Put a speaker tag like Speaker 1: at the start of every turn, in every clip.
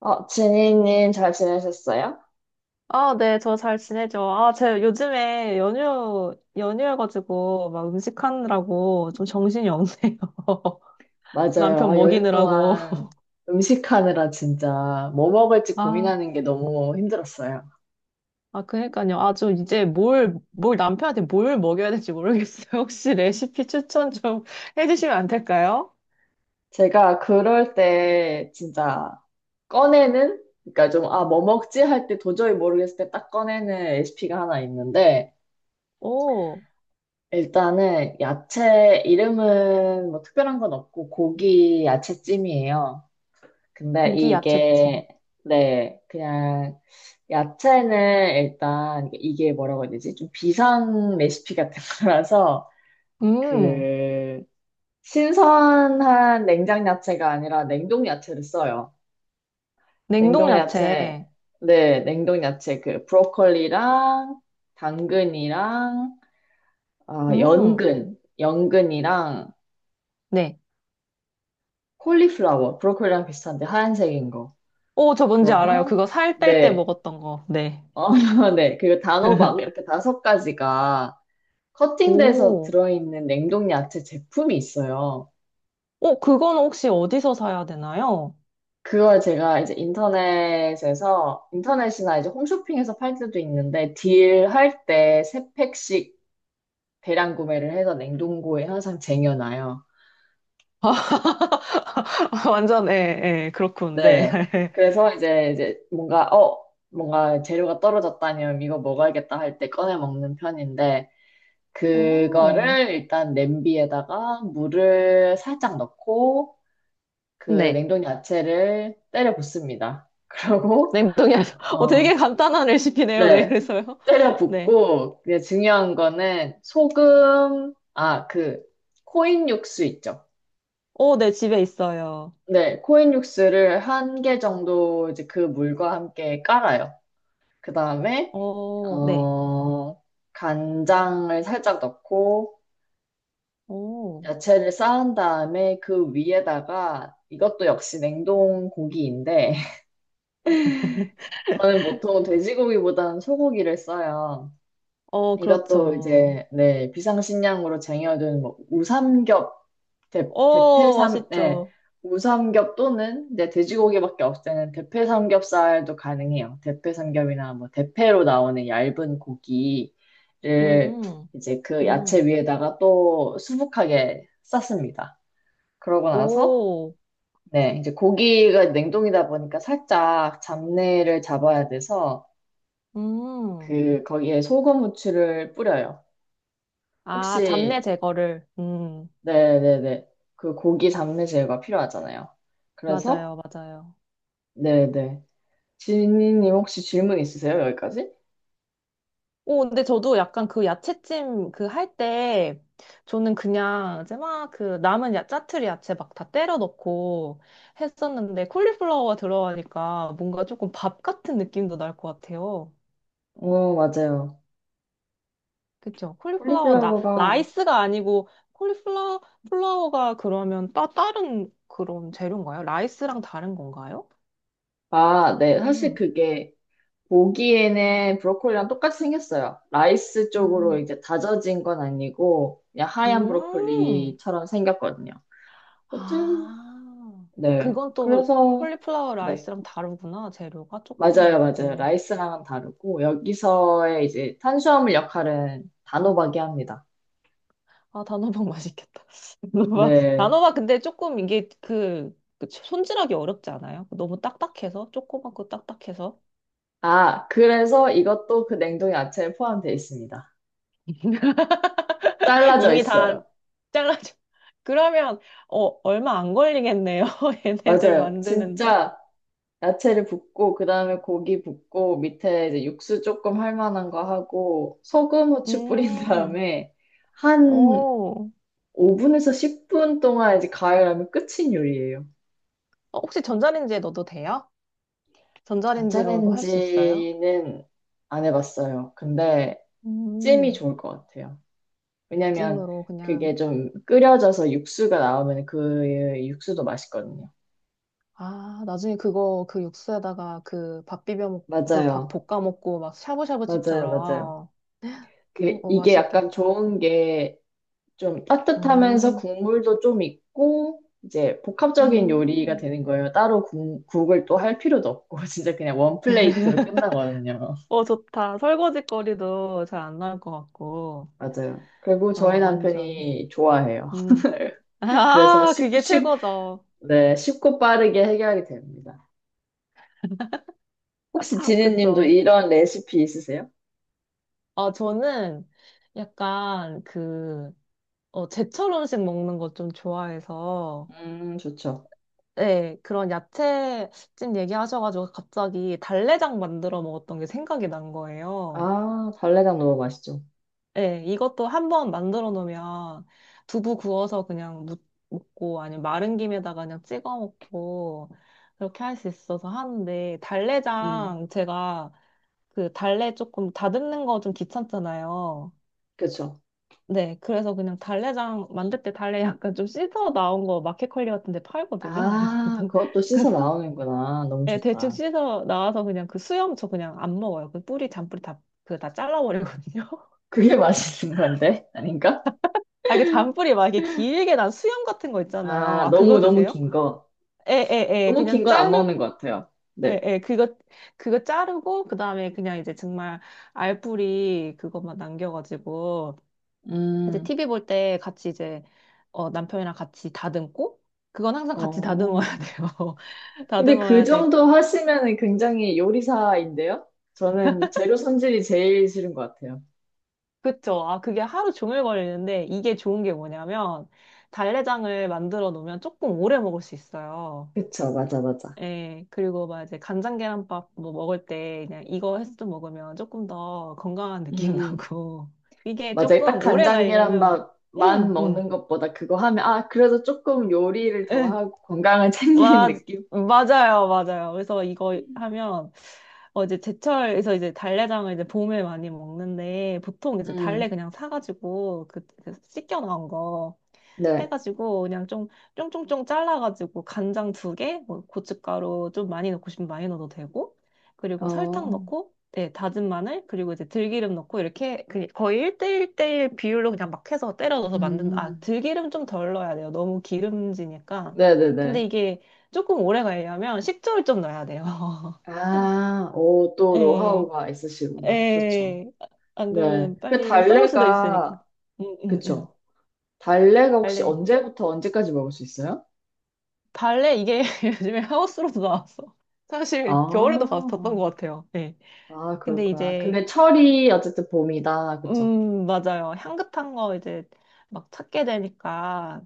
Speaker 1: 어, 지니님 잘 지내셨어요?
Speaker 2: 아, 네, 저 잘 지내죠. 아, 제가 요즘에 연휴여가지고 막 음식하느라고 좀 정신이 없네요.
Speaker 1: 맞아요.
Speaker 2: 남편
Speaker 1: 아, 연휴
Speaker 2: 먹이느라고.
Speaker 1: 동안 음식하느라 진짜 뭐 먹을지
Speaker 2: 아,
Speaker 1: 고민하는 게 너무 힘들었어요.
Speaker 2: 아, 그니까요. 아, 좀 이제 뭘 남편한테 뭘 먹여야 될지 모르겠어요. 혹시 레시피 추천 좀 해주시면 안 될까요?
Speaker 1: 제가 그럴 때 진짜 꺼내는? 그러니까 좀, 아, 뭐 먹지? 할 때 도저히 모르겠을 때 딱 꺼내는 레시피가 하나 있는데,
Speaker 2: 오,
Speaker 1: 일단은 야채 이름은 뭐 특별한 건 없고 고기 야채찜이에요. 근데
Speaker 2: 고기 야채찜.
Speaker 1: 이게, 네, 그냥, 야채는 일단, 이게 뭐라고 해야 되지? 좀 비상 레시피 같은 거라서,
Speaker 2: 음,
Speaker 1: 그, 신선한 냉장 야채가 아니라 냉동 야채를 써요.
Speaker 2: 냉동
Speaker 1: 냉동 야채,
Speaker 2: 야채.
Speaker 1: 네, 냉동 야채, 그, 브로콜리랑, 당근이랑, 아,
Speaker 2: 음,
Speaker 1: 연근, 연근이랑,
Speaker 2: 네.
Speaker 1: 콜리플라워, 브로콜리랑 비슷한데 하얀색인 거.
Speaker 2: 오, 저 뭔지 알아요.
Speaker 1: 그거랑,
Speaker 2: 그거 살 뺄 때
Speaker 1: 네.
Speaker 2: 먹었던 거. 네.
Speaker 1: 어, 네. 그리고 단호박 이렇게 다섯 가지가 커팅돼서
Speaker 2: 오.
Speaker 1: 들어있는 냉동 야채 제품이 있어요.
Speaker 2: 어, 그건 혹시 어디서 사야 되나요?
Speaker 1: 그걸 제가 이제 인터넷이나 이제 홈쇼핑에서 팔 때도 있는데, 딜할 때 세 팩씩 대량 구매를 해서 냉동고에 항상 쟁여놔요.
Speaker 2: 완전, 예, 예, 그렇군, 네.
Speaker 1: 네. 그래서 이제 뭔가, 뭔가 재료가 떨어졌다니 이거 먹어야겠다 할 때 꺼내 먹는 편인데,
Speaker 2: 어,
Speaker 1: 그거를 일단 냄비에다가 물을 살짝 넣고 그
Speaker 2: 네.
Speaker 1: 냉동 야채를 때려 붓습니다. 그러고
Speaker 2: 냉동이 아니라, 어, 되게
Speaker 1: 어,
Speaker 2: 간단한 레시피네요, 네,
Speaker 1: 네.
Speaker 2: 그래서요.
Speaker 1: 때려
Speaker 2: 네.
Speaker 1: 붓고 이제 중요한 거는 소금 아, 그 코인 육수 있죠.
Speaker 2: 어, 네, 집에 있어요.
Speaker 1: 네, 코인 육수를 한 개 정도 이제 그 물과 함께 깔아요. 그다음에
Speaker 2: 어, 네.
Speaker 1: 어, 간장을 살짝 넣고
Speaker 2: 오,
Speaker 1: 야채를 쌓은 다음에 그 위에다가 이것도 역시 냉동 고기인데 저는 보통 돼지고기보다는 소고기를 써요.
Speaker 2: 어,
Speaker 1: 이것도
Speaker 2: 그렇죠.
Speaker 1: 이제 네 비상식량으로 쟁여둔 뭐 우삼겹 대,
Speaker 2: 어,
Speaker 1: 대패삼 네
Speaker 2: 맛있죠.
Speaker 1: 우삼겹 또는 네, 돼지고기밖에 없을 때는 대패삼겹살도 가능해요. 대패삼겹이나 뭐 대패로 나오는 얇은 고기를
Speaker 2: 음,
Speaker 1: 이제 그 야채
Speaker 2: 음,
Speaker 1: 위에다가 또 수북하게 쌌습니다. 그러고 나서
Speaker 2: 오,
Speaker 1: 네, 이제 고기가 냉동이다 보니까 살짝 잡내를 잡아야 돼서
Speaker 2: 음.
Speaker 1: 그 거기에 소금 후추를 뿌려요.
Speaker 2: 아, 잡내
Speaker 1: 혹시
Speaker 2: 제거를.
Speaker 1: 네네네 그 고기 잡내 제거가 필요하잖아요. 그래서
Speaker 2: 맞아요, 맞아요.
Speaker 1: 네네 지니님 혹시 질문 있으세요? 여기까지?
Speaker 2: 오, 근데 저도 약간 그 야채찜 그 할 때, 저는 그냥 이제 막 그 남은 야, 짜투리 야채 막 다 때려 넣고 했었는데, 콜리플라워가 들어가니까 뭔가 조금 밥 같은 느낌도 날 것 같아요.
Speaker 1: 어 맞아요.
Speaker 2: 그쵸? 콜리플라워, 나,
Speaker 1: 콜리플라워가
Speaker 2: 라이스가 아니고, 콜리플라워, 플라워가 그러면 다른 그런 재료인가요? 라이스랑 다른 건가요?
Speaker 1: 아 네 사실
Speaker 2: 음,
Speaker 1: 그게 보기에는 브로콜리랑 똑같이 생겼어요. 라이스 쪽으로
Speaker 2: 음,
Speaker 1: 이제 다져진 건 아니고 그냥 하얀
Speaker 2: 음.
Speaker 1: 브로콜리처럼 생겼거든요. 여튼
Speaker 2: 아,
Speaker 1: 네.
Speaker 2: 그건 또
Speaker 1: 그래서,
Speaker 2: 콜리플라워
Speaker 1: 네.
Speaker 2: 라이스랑 다르구나. 재료가 조금,
Speaker 1: 맞아요, 맞아요. 라이스랑은 다르고, 여기서의 이제 탄수화물 역할은 단호박이 합니다.
Speaker 2: 아, 단호박 맛있겠다. 단호박,
Speaker 1: 네.
Speaker 2: 단호박 근데 조금 이게 그, 그 손질하기 어렵지 않아요? 너무 딱딱해서? 조그맣고 딱딱해서?
Speaker 1: 아, 그래서 이것도 그 냉동 야채에 포함되어 있습니다. 잘라져
Speaker 2: 이미 다
Speaker 1: 있어요.
Speaker 2: 잘라줘. 그러면, 어, 얼마 안 걸리겠네요. 얘네들
Speaker 1: 맞아요.
Speaker 2: 만드는데.
Speaker 1: 진짜 야채를 붓고, 그 다음에 고기 붓고, 밑에 이제 육수 조금 할 만한 거 하고, 소금, 후추 뿌린
Speaker 2: 음,
Speaker 1: 다음에, 한
Speaker 2: 오.
Speaker 1: 5분에서 10분 동안 이제 가열하면 끝인 요리예요.
Speaker 2: 어, 혹시 전자레인지에 넣어도 돼요? 전자레인지로도 할 수 있어요?
Speaker 1: 전자레인지는 안 해봤어요. 근데 찜이
Speaker 2: 음,
Speaker 1: 좋을 것 같아요. 왜냐면
Speaker 2: 찜으로 그냥.
Speaker 1: 그게 좀 끓여져서 육수가 나오면 그 육수도 맛있거든요.
Speaker 2: 아, 나중에 그거 그 육수에다가 그 밥 비벼 먹고 그 밥
Speaker 1: 맞아요.
Speaker 2: 볶아 먹고 막
Speaker 1: 맞아요.
Speaker 2: 샤브샤브집처럼. 어,
Speaker 1: 그,
Speaker 2: 어,
Speaker 1: 이게 약간
Speaker 2: 맛있겠다.
Speaker 1: 좋은 게 좀 따뜻하면서
Speaker 2: 음,
Speaker 1: 국물도 좀 있고, 이제 복합적인 요리가
Speaker 2: 음.
Speaker 1: 되는 거예요. 따로 국을 또 할 필요도 없고, 진짜 그냥 원 플레이트로 끝나거든요.
Speaker 2: 어, 좋다. 설거지거리도 잘 안 나올 것 같고.
Speaker 1: 맞아요. 그리고
Speaker 2: 어,
Speaker 1: 저희
Speaker 2: 완전.
Speaker 1: 남편이 좋아해요.
Speaker 2: 음.
Speaker 1: 그래서
Speaker 2: 아,
Speaker 1: 쉽,
Speaker 2: 그게 최고죠.
Speaker 1: 네, 쉽고 빠르게 해결이 됩니다. 혹시
Speaker 2: 아,
Speaker 1: 지니님도
Speaker 2: 그쵸.
Speaker 1: 이런 레시피 있으세요?
Speaker 2: 어, 저는 약간 그, 어, 제철 음식 먹는 거 좀 좋아해서
Speaker 1: 좋죠.
Speaker 2: 네, 그런 야채집 얘기하셔가지고 갑자기 달래장 만들어 먹었던 게 생각이 난 거예요.
Speaker 1: 아, 달래장 너무 맛있죠.
Speaker 2: 네, 이것도 한번 만들어 놓으면 두부 구워서 그냥 먹고 아니면 마른 김에다가 그냥 찍어 먹고 그렇게 할 수 있어서 하는데
Speaker 1: 음,
Speaker 2: 달래장 제가 그 달래 조금 다듬는 거 좀 귀찮잖아요.
Speaker 1: 그쵸.
Speaker 2: 네, 그래서 그냥 달래장 만들 때 달래 약간 좀 씻어 나온 거 마켓컬리 같은 데 팔거든요. 그래서
Speaker 1: 아, 그것도 씻어 나오는구나. 너무
Speaker 2: 예, 대충
Speaker 1: 좋다.
Speaker 2: 씻어 나와서 그냥 그 수염 저 그냥 안 먹어요. 그 뿌리, 잔뿌리 다, 그 다 잘라버리거든요.
Speaker 1: 그게 맛있는 건데? 아닌가?
Speaker 2: 아, 그 잔뿌리 막 이게 길게 난 수염 같은 거 있잖아요.
Speaker 1: 아,
Speaker 2: 아,
Speaker 1: 너무,
Speaker 2: 그거
Speaker 1: 너무
Speaker 2: 드세요?
Speaker 1: 긴 거.
Speaker 2: 에에에
Speaker 1: 너무 긴
Speaker 2: 그냥
Speaker 1: 건 안 먹는 것
Speaker 2: 자르고,
Speaker 1: 같아요. 네.
Speaker 2: 에에 그거, 그거 자르고, 그 다음에 그냥 이제 정말 알뿌리 그것만 남겨가지고, 이제
Speaker 1: 음,
Speaker 2: TV 볼 때 같이 이제, 어, 남편이랑 같이 다듬고, 그건 항상 같이
Speaker 1: 어.
Speaker 2: 다듬어야 돼요.
Speaker 1: 근데 그
Speaker 2: 다듬어야
Speaker 1: 정도
Speaker 2: 되고.
Speaker 1: 하시면은 굉장히 요리사인데요? 저는 재료 손질이 제일 싫은 것 같아요.
Speaker 2: 그쵸. 아, 그게 하루 종일 걸리는데 이게 좋은 게 뭐냐면 달래장을 만들어 놓으면 조금 오래 먹을 수 있어요.
Speaker 1: 그쵸, 맞아, 맞아.
Speaker 2: 예, 그리고 막 이제 간장 계란밥 뭐 먹을 때 그냥 이거 해서 좀 먹으면 조금 더 건강한 느낌
Speaker 1: 음.
Speaker 2: 나고 이게
Speaker 1: 맞아요. 딱
Speaker 2: 조금 오래
Speaker 1: 간장
Speaker 2: 가려면
Speaker 1: 계란밥만
Speaker 2: 음, 음,
Speaker 1: 먹는 것보다 그거 하면, 아, 그래도 조금 요리를 더
Speaker 2: 예.
Speaker 1: 하고 건강을 챙기는
Speaker 2: 와,
Speaker 1: 느낌?
Speaker 2: 맞아요, 맞아요. 그래서 이거 하면, 어, 이제 제철에서 이제 달래장을 이제 봄에 많이 먹는데, 보통 이제
Speaker 1: 음,
Speaker 2: 달래 그냥 사가지고, 그, 그 씻겨 나온 거
Speaker 1: 네.
Speaker 2: 해가지고, 그냥 좀, 쫑쫑쫑 잘라가지고, 간장 두 개, 뭐 고춧가루 좀 많이 넣고 싶으면 많이 넣어도 되고, 그리고 설탕
Speaker 1: 어,
Speaker 2: 넣고, 네, 다진 마늘, 그리고 이제 들기름 넣고, 이렇게 그 거의 1대1대1 비율로 그냥 막 해서 때려 넣어서 만든다. 아,
Speaker 1: 음,
Speaker 2: 들기름 좀 덜 넣어야 돼요. 너무 기름지니까.
Speaker 1: 네네네.
Speaker 2: 근데 이게 조금 오래 가려면 식초를 좀 넣어야 돼요.
Speaker 1: 아, 오, 또
Speaker 2: 예,
Speaker 1: 노하우가 있으시구나. 좋죠.
Speaker 2: 예. 안
Speaker 1: 네.
Speaker 2: 그러면
Speaker 1: 그
Speaker 2: 빨리 썩을 수도 있으니까.
Speaker 1: 달래가,
Speaker 2: 응, 응, 응.
Speaker 1: 그쵸. 달래가 혹시
Speaker 2: 발레,
Speaker 1: 언제부터 언제까지 먹을 수 있어요?
Speaker 2: 발레 이게 요즘에 하우스로도 나왔어. 사실 겨울에도
Speaker 1: 아,
Speaker 2: 봤던 것 같아요. 예.
Speaker 1: 아,
Speaker 2: 근데
Speaker 1: 그렇구나.
Speaker 2: 이제
Speaker 1: 근데 철이 어쨌든 봄이다. 그쵸.
Speaker 2: 맞아요. 향긋한 거 이제 막 찾게 되니까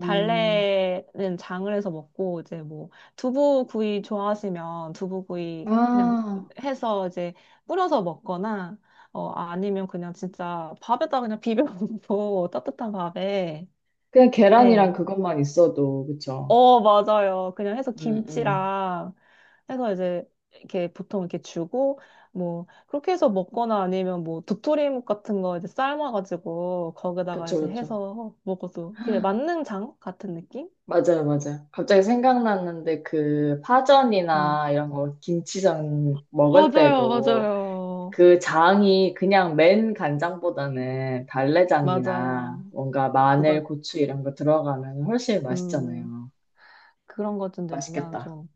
Speaker 1: 음,
Speaker 2: 장을 해서 먹고 이제 뭐 두부구이 좋아하시면 두부구이 그냥
Speaker 1: 아.
Speaker 2: 해서 이제 뿌려서 먹거나 어 아니면 그냥 진짜 밥에다 그냥 비벼 먹고 따뜻한 밥에
Speaker 1: 그냥 계란이랑
Speaker 2: 네.
Speaker 1: 그것만 있어도, 그쵸?
Speaker 2: 어, 맞아요. 그냥 해서
Speaker 1: 음, 음.
Speaker 2: 김치랑 해서 이제 이렇게 보통 이렇게 주고 뭐 그렇게 해서 먹거나 아니면 뭐 도토리묵 같은 거 이제 삶아가지고 거기다가
Speaker 1: 그쵸,
Speaker 2: 이제
Speaker 1: 그쵸.
Speaker 2: 해서 먹어도 그냥 만능장 같은 느낌?
Speaker 1: 맞아요, 맞아요. 갑자기 생각났는데 그
Speaker 2: 음.
Speaker 1: 파전이나 이런 거 김치전 먹을
Speaker 2: 맞아요,
Speaker 1: 때도
Speaker 2: 맞아요.
Speaker 1: 그 장이 그냥 맨 간장보다는 달래장이나
Speaker 2: 맞아요.
Speaker 1: 뭔가
Speaker 2: 뭐가
Speaker 1: 마늘, 고추 이런 거 들어가면 훨씬
Speaker 2: 음
Speaker 1: 맛있잖아요.
Speaker 2: 그런 것 좀 되면
Speaker 1: 맛있겠다.
Speaker 2: 좀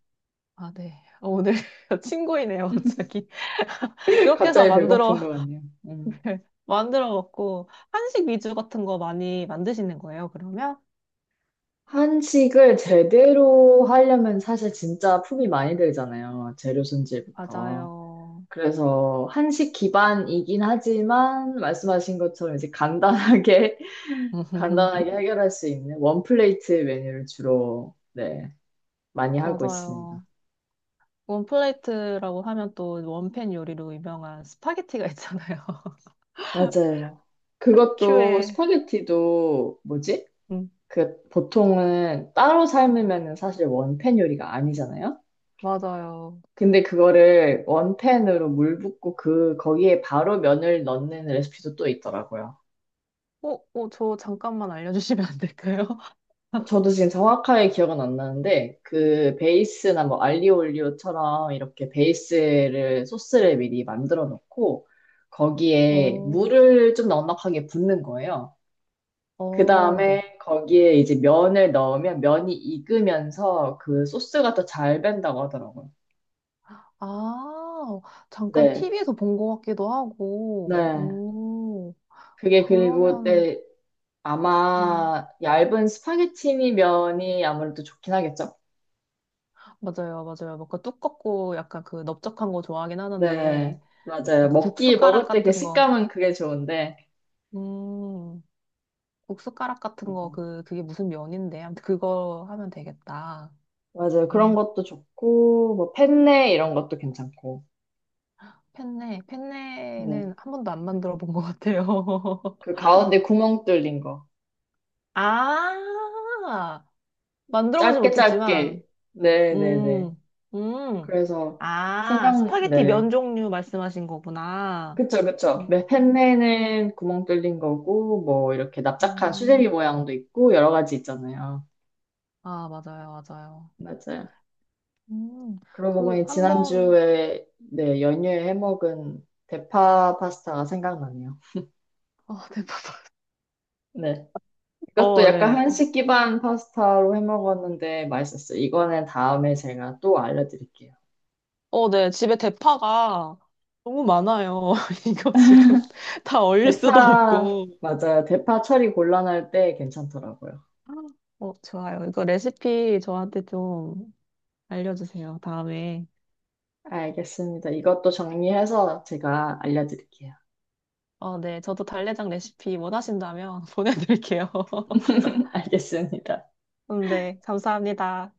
Speaker 2: 아, 네. 오늘 친구이네요, 갑자기. 그렇게 해서
Speaker 1: 갑자기
Speaker 2: 만들어
Speaker 1: 배고픈 것 같네요. 음.
Speaker 2: 만들어 먹고 한식 위주 같은 거 많이 만드시는 거예요, 그러면?
Speaker 1: 한식을 제대로 하려면 사실 진짜 품이 많이 들잖아요. 재료 손질부터.
Speaker 2: 맞아요.
Speaker 1: 그래서 한식 기반이긴 하지만 말씀하신 것처럼 이제 간단하게 간단하게 해결할 수 있는 원플레이트 메뉴를 주로 네, 많이 하고 있습니다.
Speaker 2: 맞아요. 원플레이트라고 하면 또 원팬 요리로 유명한 스파게티가 있잖아요.
Speaker 1: 맞아요.
Speaker 2: 한
Speaker 1: 그것도
Speaker 2: 큐에.
Speaker 1: 스파게티도 뭐지?
Speaker 2: 음,
Speaker 1: 그 보통은 따로
Speaker 2: 네.
Speaker 1: 삶으면은 사실 원팬 요리가 아니잖아요.
Speaker 2: 맞아요.
Speaker 1: 근데 그거를 원팬으로 물 붓고 그 거기에 바로 면을 넣는 레시피도 또 있더라고요.
Speaker 2: 어, 어, 저 잠깐만 알려주시면 안 될까요?
Speaker 1: 저도 지금 정확하게 기억은 안 나는데, 그 베이스나 뭐 알리오올리오처럼 이렇게 소스를 미리 만들어 놓고, 거기에
Speaker 2: 오,
Speaker 1: 물을 좀 넉넉하게 붓는 거예요. 그
Speaker 2: 오, 네.
Speaker 1: 다음에 거기에 이제 면을 넣으면 면이 익으면서 그 소스가 더 잘 밴다고 하더라고요.
Speaker 2: 아, 잠깐
Speaker 1: 네.
Speaker 2: TV에서 본 것 같기도 하고,
Speaker 1: 네.
Speaker 2: 오,
Speaker 1: 그게 그리고,
Speaker 2: 그러면,
Speaker 1: 네.
Speaker 2: 음,
Speaker 1: 아마 얇은 스파게티니 면이 아무래도 좋긴 하겠죠.
Speaker 2: 맞아요, 맞아요. 뭔가 두껍고 약간 그 넓적한 거 좋아하긴
Speaker 1: 네,
Speaker 2: 하는데,
Speaker 1: 맞아요.
Speaker 2: 약간 국숫가락
Speaker 1: 먹을 때 그
Speaker 2: 같은 거,
Speaker 1: 식감은 그게 좋은데.
Speaker 2: 음, 국숫가락 같은 거,
Speaker 1: 맞아요.
Speaker 2: 그, 그게 무슨 면인데. 아무튼 그거 하면 되겠다.
Speaker 1: 맞아요. 그런
Speaker 2: 음,
Speaker 1: 것도 좋고, 뭐, 펜네 이런 것도 괜찮고.
Speaker 2: 펜네.
Speaker 1: 네.
Speaker 2: 펜네는 한 번도 안 만들어 본 것 같아요.
Speaker 1: 그 가운데 구멍 뚫린 거.
Speaker 2: 아, 만들어 보지
Speaker 1: 짧게 짧게.
Speaker 2: 못했지만,
Speaker 1: 네네네.
Speaker 2: 음, 음.
Speaker 1: 그래서
Speaker 2: 아, 스파게티
Speaker 1: 네.
Speaker 2: 면 종류 말씀하신 거구나.
Speaker 1: 그쵸, 그쵸.
Speaker 2: 음,
Speaker 1: 네, 펜네는 구멍 뚫린 거고, 뭐, 이렇게 납작한 수제비
Speaker 2: 음.
Speaker 1: 모양도 있고, 여러 가지 있잖아요.
Speaker 2: 아, 맞아요, 맞아요.
Speaker 1: 맞아요.
Speaker 2: 음,
Speaker 1: 그러고
Speaker 2: 그,
Speaker 1: 보니
Speaker 2: 한 번,
Speaker 1: 지난주에, 네, 연휴에 해먹은 대파 파스타가 생각나네요.
Speaker 2: 어, 대파
Speaker 1: 네. 이것도
Speaker 2: 어,
Speaker 1: 약간
Speaker 2: 예.
Speaker 1: 한식 기반 파스타로 해 먹었는데 맛있었어요. 이거는 다음에 제가 또 알려드릴게요.
Speaker 2: 어, 네. 집에 대파가 너무 많아요. 이거 지금 다 얼릴 수도
Speaker 1: 대파,
Speaker 2: 없고.
Speaker 1: 맞아요. 대파 처리 곤란할 때 괜찮더라고요.
Speaker 2: 어, 좋아요. 이거 레시피 저한테 좀 알려주세요. 다음에.
Speaker 1: 알겠습니다. 이것도 정리해서 제가 알려드릴게요.
Speaker 2: 어, 네. 저도 달래장 레시피 원하신다면 보내드릴게요.
Speaker 1: 알겠습니다.
Speaker 2: 네. 감사합니다.